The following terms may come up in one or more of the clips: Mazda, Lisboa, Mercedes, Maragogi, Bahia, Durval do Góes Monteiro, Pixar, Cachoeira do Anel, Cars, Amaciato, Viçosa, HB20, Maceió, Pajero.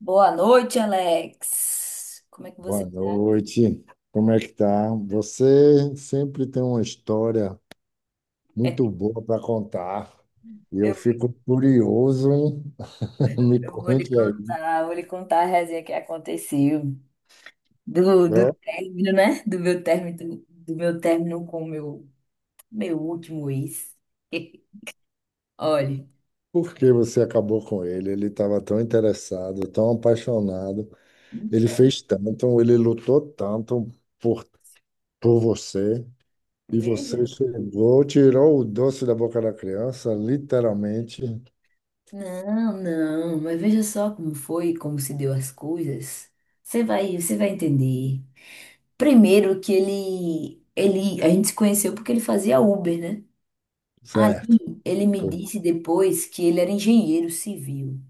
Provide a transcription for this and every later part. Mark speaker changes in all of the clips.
Speaker 1: Boa noite, Alex. Como é que você.
Speaker 2: Boa noite. Como é que tá? Você sempre tem uma história
Speaker 1: é,
Speaker 2: muito boa para contar. E eu
Speaker 1: Eu,
Speaker 2: fico curioso, hein? Me
Speaker 1: eu
Speaker 2: conte aí,
Speaker 1: vou lhe contar a resenha que aconteceu do
Speaker 2: né?
Speaker 1: término, né? Do meu término com o meu último ex. Olha,
Speaker 2: Por que você acabou com ele? Ele estava tão interessado, tão apaixonado. Ele
Speaker 1: então,
Speaker 2: fez tanto, ele lutou tanto por, por você. E
Speaker 1: veja.
Speaker 2: você chegou, tirou o doce da boca da criança, literalmente.
Speaker 1: Não, não, mas veja só como foi, como se deu as coisas. Você vai entender. Primeiro que a gente se conheceu porque ele fazia Uber, né? Aí
Speaker 2: Certo.
Speaker 1: ele me
Speaker 2: Tudo.
Speaker 1: disse depois que ele era engenheiro civil.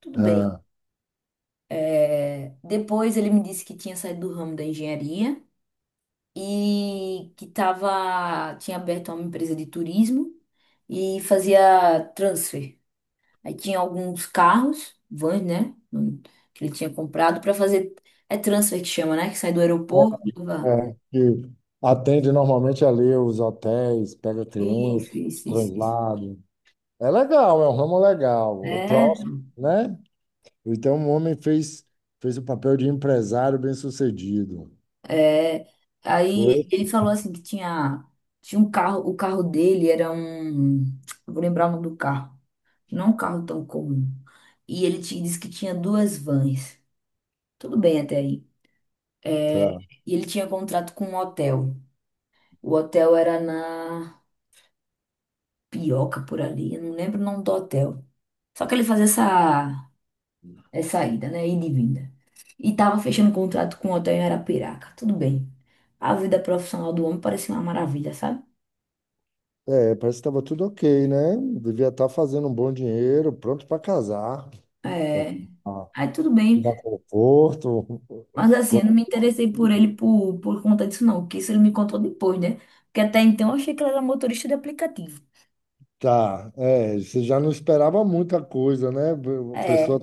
Speaker 1: Tudo bem.
Speaker 2: Ah.
Speaker 1: É, depois ele me disse que tinha saído do ramo da engenharia e que tinha aberto uma empresa de turismo e fazia transfer. Aí tinha alguns carros, vans, né? Que ele tinha comprado para fazer. É transfer que chama, né? Que sai do aeroporto e leva-
Speaker 2: É, que atende normalmente ali os hotéis, pega clientes,
Speaker 1: Isso, isso.
Speaker 2: translado. É legal, é um ramo legal, é
Speaker 1: É,
Speaker 2: próximo, né? Então um homem fez, fez o papel de empresário bem-sucedido.
Speaker 1: É, aí
Speaker 2: Foi?
Speaker 1: ele falou assim que tinha um carro, o carro dele era um, eu vou lembrar o nome do carro, não é um carro tão comum. E ele te disse que tinha duas vans. Tudo bem até aí. É,
Speaker 2: Tá.
Speaker 1: e ele tinha contrato com um hotel. O hotel era na Pioca por ali, eu não lembro o nome do hotel. Só que ele fazia essa ida, né, ida e vinda. E tava fechando contrato com o hotel em Arapiraca. Tudo bem. A vida profissional do homem parecia uma maravilha, sabe?
Speaker 2: É, parece que estava tudo ok, né? Devia estar fazendo um bom dinheiro, pronto para casar, para
Speaker 1: É,
Speaker 2: dar
Speaker 1: aí tudo
Speaker 2: te
Speaker 1: bem.
Speaker 2: dar conforto.
Speaker 1: Mas assim, eu não me interessei por ele por conta disso, não. Porque isso ele me contou depois, né? Porque até então eu achei que ele era motorista de aplicativo.
Speaker 2: Tá, é, você já não esperava muita coisa, né? A
Speaker 1: É,
Speaker 2: pessoa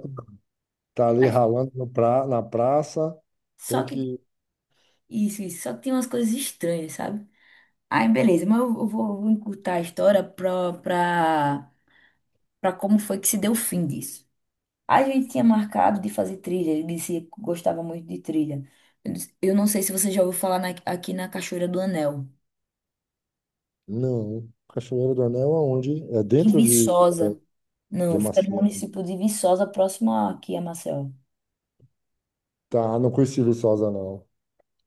Speaker 2: tá ali
Speaker 1: mas
Speaker 2: ralando no pra, na praça, tem
Speaker 1: só que
Speaker 2: que.
Speaker 1: isso, só que tem umas coisas estranhas, sabe? Aí beleza, mas eu vou encurtar a história pra como foi que se deu o fim disso. A gente tinha marcado de fazer trilha, ele disse que gostava muito de trilha. Eu disse, "Eu não sei se você já ouviu falar na- aqui na Cachoeira do Anel,
Speaker 2: Não, Cachoeira do Anel aonde? É
Speaker 1: que
Speaker 2: dentro
Speaker 1: Viçosa.
Speaker 2: de
Speaker 1: Não, fica no
Speaker 2: Amaciato.
Speaker 1: município de Viçosa, próximo aqui a Maceió.
Speaker 2: Tá, não conheci Viçosa, não.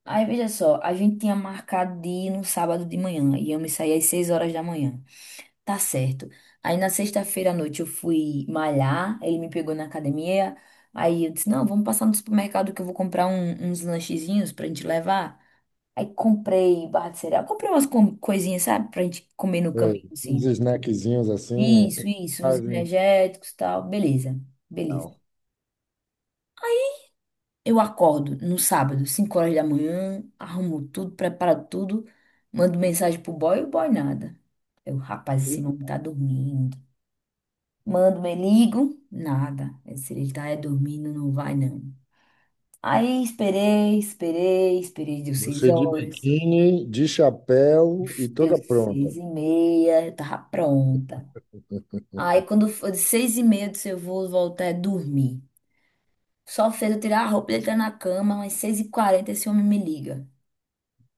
Speaker 1: Aí, veja só, a gente tinha marcado de ir no sábado de manhã, e eu me saí às 6 horas da manhã. Tá certo. Aí, na sexta-feira à noite, eu fui malhar, ele me pegou na academia, aí eu disse, não, vamos passar no supermercado que eu vou comprar um- uns lanchezinhos pra gente levar. Aí, comprei barra de cereal, comprei umas co- coisinhas, sabe, pra gente comer no
Speaker 2: É,
Speaker 1: caminho,
Speaker 2: uns
Speaker 1: assim.
Speaker 2: snackzinhos assim,
Speaker 1: Isso, uns
Speaker 2: personagem.
Speaker 1: energéticos e tal, beleza.
Speaker 2: Não.
Speaker 1: Eu acordo no sábado, 5 horas da manhã, arrumo tudo, preparo tudo, mando mensagem pro boy, o boy nada. Eu, rapaz, esse homem tá dormindo. Mando, me ligo, nada. Se ele tá é dormindo, não vai não. Aí esperei, esperei, esperei, deu 6
Speaker 2: Você de
Speaker 1: horas,
Speaker 2: biquíni, de chapéu e
Speaker 1: deu
Speaker 2: toda pronta.
Speaker 1: seis e meia, eu tava pronta. Aí quando foi de 6 e meia, eu disse, eu vou voltar a dormir. Só fez eu tirar a roupa, ele tá na cama, mas 6 e 40 esse homem me liga,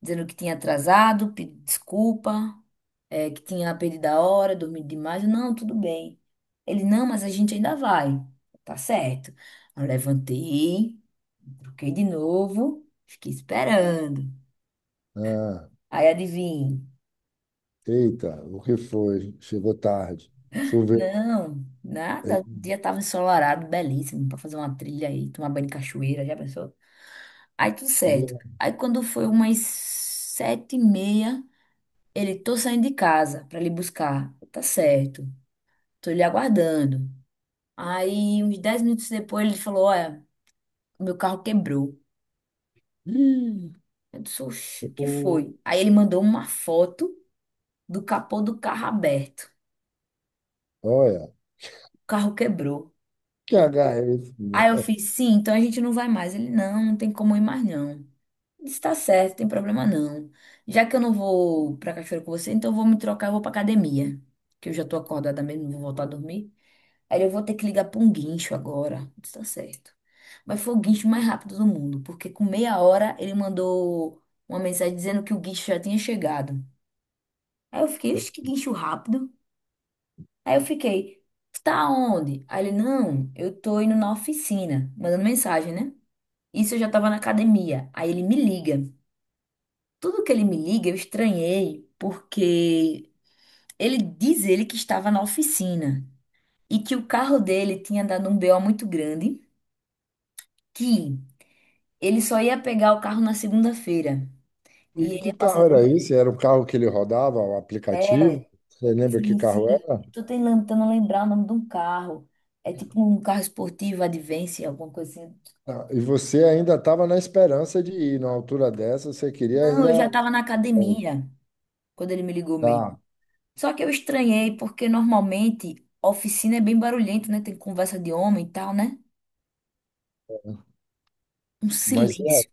Speaker 1: dizendo que tinha atrasado, pedindo desculpa, é, que tinha perdido a hora, dormido demais. Eu, não, tudo bem. Ele, não, mas a gente ainda vai. Tá certo. Eu levantei, troquei de novo, fiquei esperando.
Speaker 2: Ah,
Speaker 1: Aí adivinha?
Speaker 2: eita, o que foi? Chegou tarde. Choveu.
Speaker 1: Não, nada. O dia estava ensolarado, belíssimo, para fazer uma trilha aí, tomar banho de cachoeira, já pensou? Aí tudo certo. Aí quando foi umas sete e meia, ele, tô saindo de casa para lhe buscar. Eu, tá certo. Tô lhe aguardando. Aí, uns 10 minutos depois, ele falou: olha, meu carro quebrou.
Speaker 2: Ih,
Speaker 1: Eu disse: oxi, o que
Speaker 2: o-
Speaker 1: foi? Aí ele mandou uma foto do capô do carro aberto.
Speaker 2: olha,
Speaker 1: O carro quebrou.
Speaker 2: que
Speaker 1: Eu-
Speaker 2: H é esse?
Speaker 1: Aí eu fiz: sim, então a gente não vai mais. Ele: não, não tem como ir mais não. Eu disse: tá certo, não tem problema não. Já que eu não vou pra cachoeira com você, então eu vou me trocar e vou pra academia. Que eu já tô acordada mesmo, não vou voltar a dormir. Aí eu vou ter que ligar para um guincho agora. Isso tá certo. Mas foi o guincho mais rápido do mundo, porque com meia hora ele mandou uma mensagem dizendo que o guincho já tinha chegado. Aí eu fiquei, "Ixi, que guincho rápido. Aí eu fiquei, "Tu tá onde? Aí ele, não, eu tô indo na oficina, mandando mensagem, né? Isso eu já tava na academia. Aí ele me liga. Tudo que ele me liga, eu estranhei, porque ele diz ele que estava na oficina e que o carro dele tinha dado um BO muito grande, que ele só ia pegar o carro na segunda-feira. E
Speaker 2: E
Speaker 1: ele
Speaker 2: que
Speaker 1: ia passar
Speaker 2: carro era
Speaker 1: aqui.
Speaker 2: esse? Era o carro que ele rodava, o aplicativo?
Speaker 1: É,
Speaker 2: Você lembra que
Speaker 1: sim.
Speaker 2: carro era?
Speaker 1: Tô tentando lembrar o nome de um carro. É tipo um carro esportivo, Advance, alguma coisa assim.
Speaker 2: Ah, e você ainda estava na esperança de ir, numa altura dessa, você queria
Speaker 1: Não,
Speaker 2: ainda.
Speaker 1: eu já tava na
Speaker 2: Ah,
Speaker 1: academia quando ele me ligou mesmo.
Speaker 2: tá,
Speaker 1: Só que eu estranhei, porque normalmente a oficina é bem barulhento, né? Tem conversa de homem e tal, né? Um
Speaker 2: mas é,
Speaker 1: silêncio.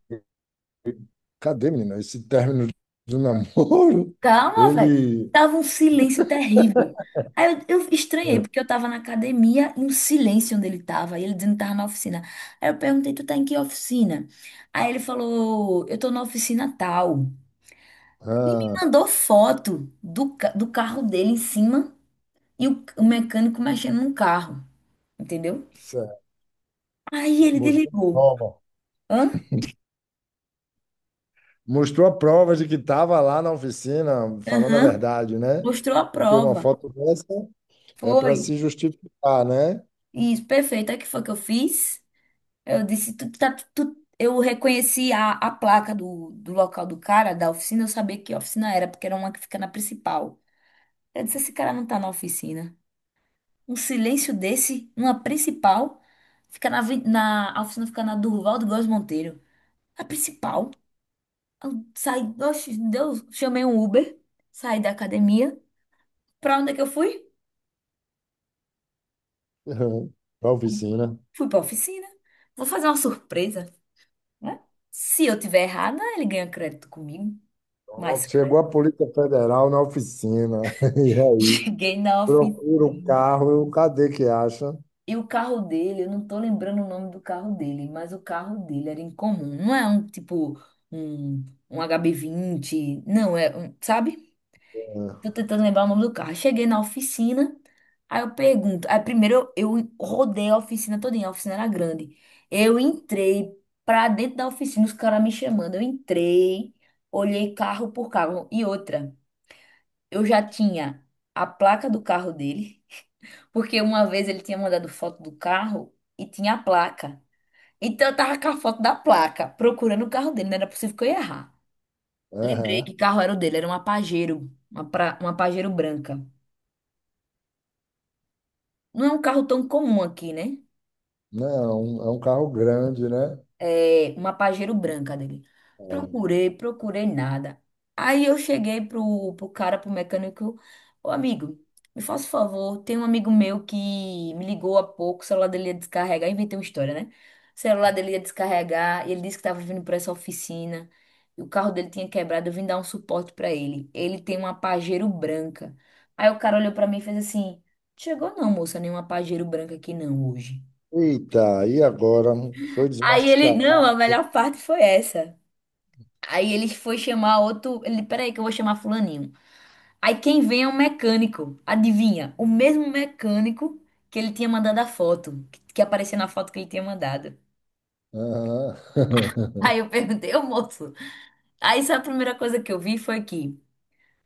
Speaker 2: cadê, menina? Esse término do namoro,
Speaker 1: Calma, velho.
Speaker 2: ele
Speaker 1: Tava um silêncio terrível. Aí eu estranhei,
Speaker 2: é,
Speaker 1: porque eu tava na academia e um silêncio onde ele tava. E ele dizendo que tava na oficina. Aí eu perguntei, tu tá em que oficina? Aí ele falou, eu tô na oficina tal. E
Speaker 2: ah,
Speaker 1: mandou foto do, ca- do carro dele em cima e o mecânico mexendo no carro. Entendeu?
Speaker 2: cê-
Speaker 1: Aí ele
Speaker 2: mostrou a
Speaker 1: desligou.
Speaker 2: prova.
Speaker 1: Hã?
Speaker 2: Mostrou a prova de que estava lá na oficina falando a
Speaker 1: Aham.
Speaker 2: verdade, né?
Speaker 1: Mostrou a
Speaker 2: Porque uma
Speaker 1: prova.
Speaker 2: foto dessa é para
Speaker 1: Foi.
Speaker 2: se justificar, né?
Speaker 1: Isso, perfeito. Aí o que foi que eu fiz? Eu disse, tu, tá, tu, eu reconheci a placa do local do cara, da oficina, eu sabia que oficina era, porque era uma que fica na principal. Eu disse, esse cara não tá na oficina. Um silêncio desse, numa principal, fica na, aven- na, a oficina fica na Durval do Góes Monteiro. A principal. Eu saí, oxe, Deus, chamei um Uber, saí da academia. Pra onde é que eu fui?
Speaker 2: Para a oficina.
Speaker 1: Fui pra oficina. Vou fazer uma surpresa, né? Se eu tiver errada, ele ganha crédito comigo. Mais
Speaker 2: Pronto, chegou a Polícia Federal na oficina. E aí?
Speaker 1: cheguei na
Speaker 2: Procura o
Speaker 1: oficina.
Speaker 2: carro, eu, cadê que acha?
Speaker 1: E o carro dele, eu não tô lembrando o nome do carro dele, mas o carro dele era incomum. Não é um tipo um HB20, não é, um, sabe?
Speaker 2: É,
Speaker 1: Tô tentando lembrar o nome do carro. Cheguei na oficina, aí eu pergunto. Aí primeiro eu rodei a oficina todinha, a oficina era grande. Eu entrei pra dentro da oficina, os caras me chamando. Eu entrei, olhei carro por carro. E outra. Eu já tinha a placa do carro dele, porque uma vez ele tinha mandado foto do carro e tinha a placa. Então eu tava com a foto da placa, procurando o carro dele, não era possível que eu ia errar. Lembrei que
Speaker 2: aham.
Speaker 1: carro era o dele, era uma Pajero, uma Pajero branca. Não é um carro tão comum aqui, né?
Speaker 2: Não, é um carro grande, né?
Speaker 1: É, uma Pajero branca dele.
Speaker 2: É.
Speaker 1: Procurei, procurei nada. Aí eu cheguei pro cara, pro mecânico, ô amigo, me faça um favor, tem um amigo meu que me ligou há pouco, o celular dele ia descarregar, inventei uma história, né? O celular dele ia descarregar, e ele disse que tava vindo pra essa oficina, e o carro dele tinha quebrado, eu vim dar um suporte pra ele. Ele tem uma Pajero branca. Aí o cara olhou pra mim e fez assim, chegou não, moça, nenhuma Pajero branca aqui não hoje.
Speaker 2: Eita, e agora? Foi
Speaker 1: Aí ele,
Speaker 2: desmascarado.
Speaker 1: não, a melhor parte foi essa. Aí ele foi chamar outro. Ele, peraí, que eu vou chamar fulaninho. Aí quem vem é um mecânico. Adivinha? O mesmo mecânico que ele tinha mandado a foto. Que aparecia na foto que ele tinha mandado.
Speaker 2: Aham.
Speaker 1: Aí eu perguntei, ô moço. Aí sabe a primeira coisa que eu vi foi que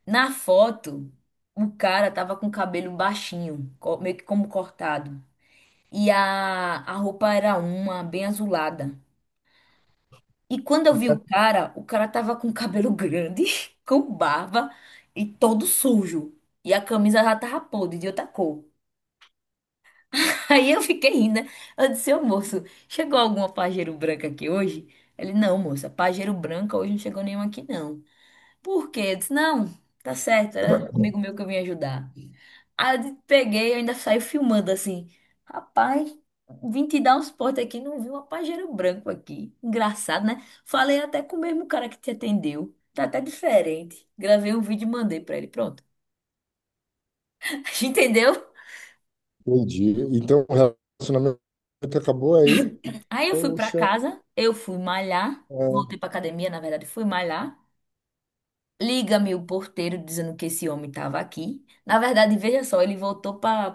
Speaker 1: na foto o cara tava com o cabelo baixinho, co- meio que como cortado. E a roupa era uma, bem azulada. E quando eu vi o cara tava com cabelo grande, com barba e todo sujo. E a camisa já tava podre, de outra cor. Aí eu fiquei rindo, né? Eu disse, ô moço, chegou alguma pajeiro branca aqui hoje? Ele, não, moça, pajeiro branca hoje não chegou nenhuma aqui não. Por quê? Eu disse, não, tá certo, era um amigo meu que eu vim ajudar. Aí eu peguei, eu ainda saí filmando assim. Rapaz, vim te dar um suporte aqui, não vi um pajeiro branco aqui. Engraçado, né? Falei até com o mesmo cara que te atendeu. Tá até diferente. Gravei um vídeo e mandei pra ele. Pronto. Entendeu?
Speaker 2: Entendi. Então, o relacionamento acabou aí?
Speaker 1: Aí eu fui pra
Speaker 2: Poxa.
Speaker 1: casa, eu fui malhar.
Speaker 2: É.
Speaker 1: Voltei pra academia, na verdade, fui malhar. Liga-me o porteiro dizendo que esse homem tava aqui. Na verdade, veja só, ele voltou para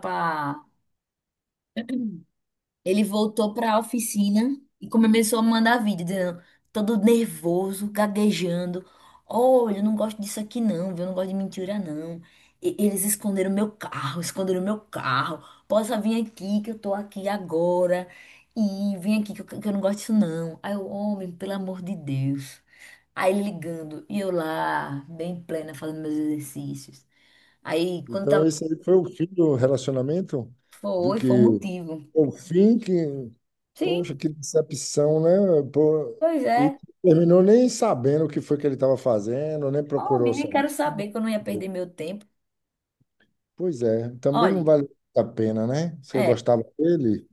Speaker 1: ele voltou para a oficina e começou a mandar vídeo, dizendo, todo nervoso, gaguejando. Olha, eu não gosto disso aqui não, viu? Eu não gosto de mentira não. E- eles esconderam meu carro, esconderam meu carro. Possa vir aqui que eu tô aqui agora. E vem aqui que eu não gosto disso não. Aí o homem, pelo amor de Deus. Aí ele ligando, e eu lá, bem plena, fazendo meus exercícios. Aí, quando
Speaker 2: Então, esse
Speaker 1: tava.
Speaker 2: aí foi o fim do relacionamento? Do
Speaker 1: Foi o
Speaker 2: que
Speaker 1: motivo.
Speaker 2: O fim que.
Speaker 1: Sim,
Speaker 2: Poxa, que decepção, né? Pô,
Speaker 1: pois
Speaker 2: e
Speaker 1: é.
Speaker 2: terminou nem sabendo o que foi que ele estava fazendo, nem procurou
Speaker 1: Homem, nem quero
Speaker 2: saber.
Speaker 1: saber que eu não ia perder meu tempo.
Speaker 2: Pois é, também não
Speaker 1: Olha,
Speaker 2: vale a pena, né? Você
Speaker 1: é,
Speaker 2: gostava dele?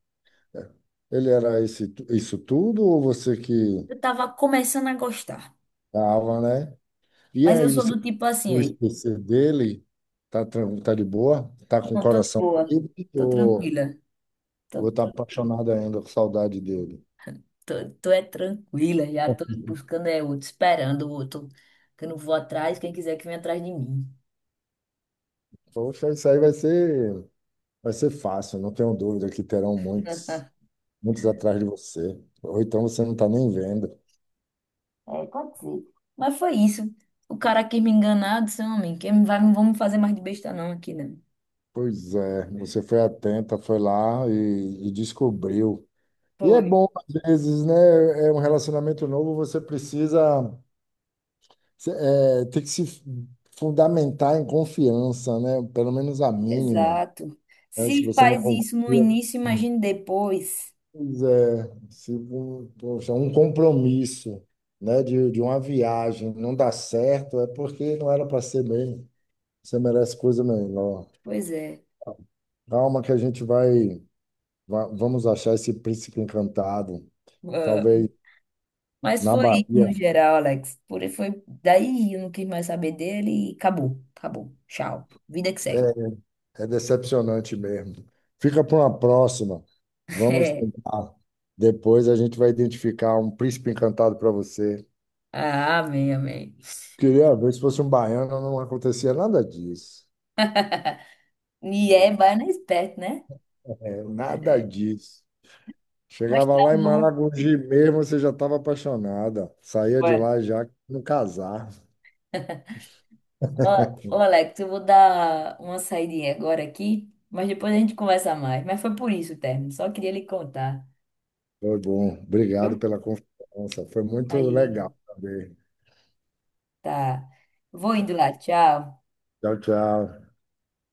Speaker 2: Ele era esse, isso tudo ou você que
Speaker 1: eu tava começando a gostar,
Speaker 2: tava né? E
Speaker 1: mas eu
Speaker 2: aí
Speaker 1: sou
Speaker 2: você
Speaker 1: do tipo assim,
Speaker 2: conseguiu
Speaker 1: aí,
Speaker 2: esquecer dele? Tá, tran- tá de boa? Tá com o
Speaker 1: não tô de
Speaker 2: coração
Speaker 1: boa,
Speaker 2: livre
Speaker 1: tô
Speaker 2: ou
Speaker 1: tranquila, tô,
Speaker 2: vou estar
Speaker 1: tranquila,
Speaker 2: apaixonado ainda com saudade dele?
Speaker 1: tô é tranquila, já tô buscando é outro, esperando o outro, que eu não vou atrás, quem quiser que venha atrás de mim.
Speaker 2: Poxa, isso aí vai ser. Vai ser fácil, não tenho dúvida que terão muitos, muitos atrás de você. Ou então você não está nem vendo.
Speaker 1: É, aconteceu. Mas foi isso. O cara quis me enganar, disse, homem, que vai, não vamos fazer mais de besta não aqui, não.
Speaker 2: Pois é, você foi atenta, foi lá e descobriu. E é
Speaker 1: Foi.
Speaker 2: bom, às vezes, né? É um relacionamento novo, você precisa se- é, ter que se fundamentar em confiança, né? Pelo menos a mínima.
Speaker 1: Exato.
Speaker 2: Né? Se
Speaker 1: Se
Speaker 2: você não
Speaker 1: faz
Speaker 2: confia.
Speaker 1: isso no início, imagine depois.
Speaker 2: Pois é, se, um- poxa, um compromisso, né, de uma viagem não dá certo, é porque não era para ser mesmo. Você merece coisa melhor.
Speaker 1: Pois é.
Speaker 2: Calma que a gente vai, vamos achar esse príncipe encantado.
Speaker 1: Ah,
Speaker 2: Talvez
Speaker 1: mas
Speaker 2: na
Speaker 1: foi isso no
Speaker 2: Bahia.
Speaker 1: geral, Alex. Por foi daí eu não quis mais saber dele e acabou. Tchau. Vida que segue.
Speaker 2: É, é decepcionante mesmo. Fica para uma próxima. Vamos
Speaker 1: É.
Speaker 2: tentar. Depois a gente vai identificar um príncipe encantado para você.
Speaker 1: Ah, amém.
Speaker 2: Queria ver se fosse um baiano, não acontecia nada disso.
Speaker 1: E é baiana esperto, né?
Speaker 2: É, nada
Speaker 1: É.
Speaker 2: disso.
Speaker 1: Mas
Speaker 2: Chegava
Speaker 1: tá
Speaker 2: lá em
Speaker 1: bom.
Speaker 2: Maragogi mesmo, você já estava apaixonada. Saía de
Speaker 1: Ué.
Speaker 2: lá já no casar.
Speaker 1: Ô, ô, Alex, eu vou dar uma saidinha agora aqui, mas depois a gente conversa mais. Mas foi por isso o término, só queria lhe contar.
Speaker 2: Foi bom.
Speaker 1: Viu?
Speaker 2: Obrigado pela confiança. Foi muito
Speaker 1: Imagina,
Speaker 2: legal também.
Speaker 1: tá. Vou indo lá, tchau.
Speaker 2: Tchau, tchau.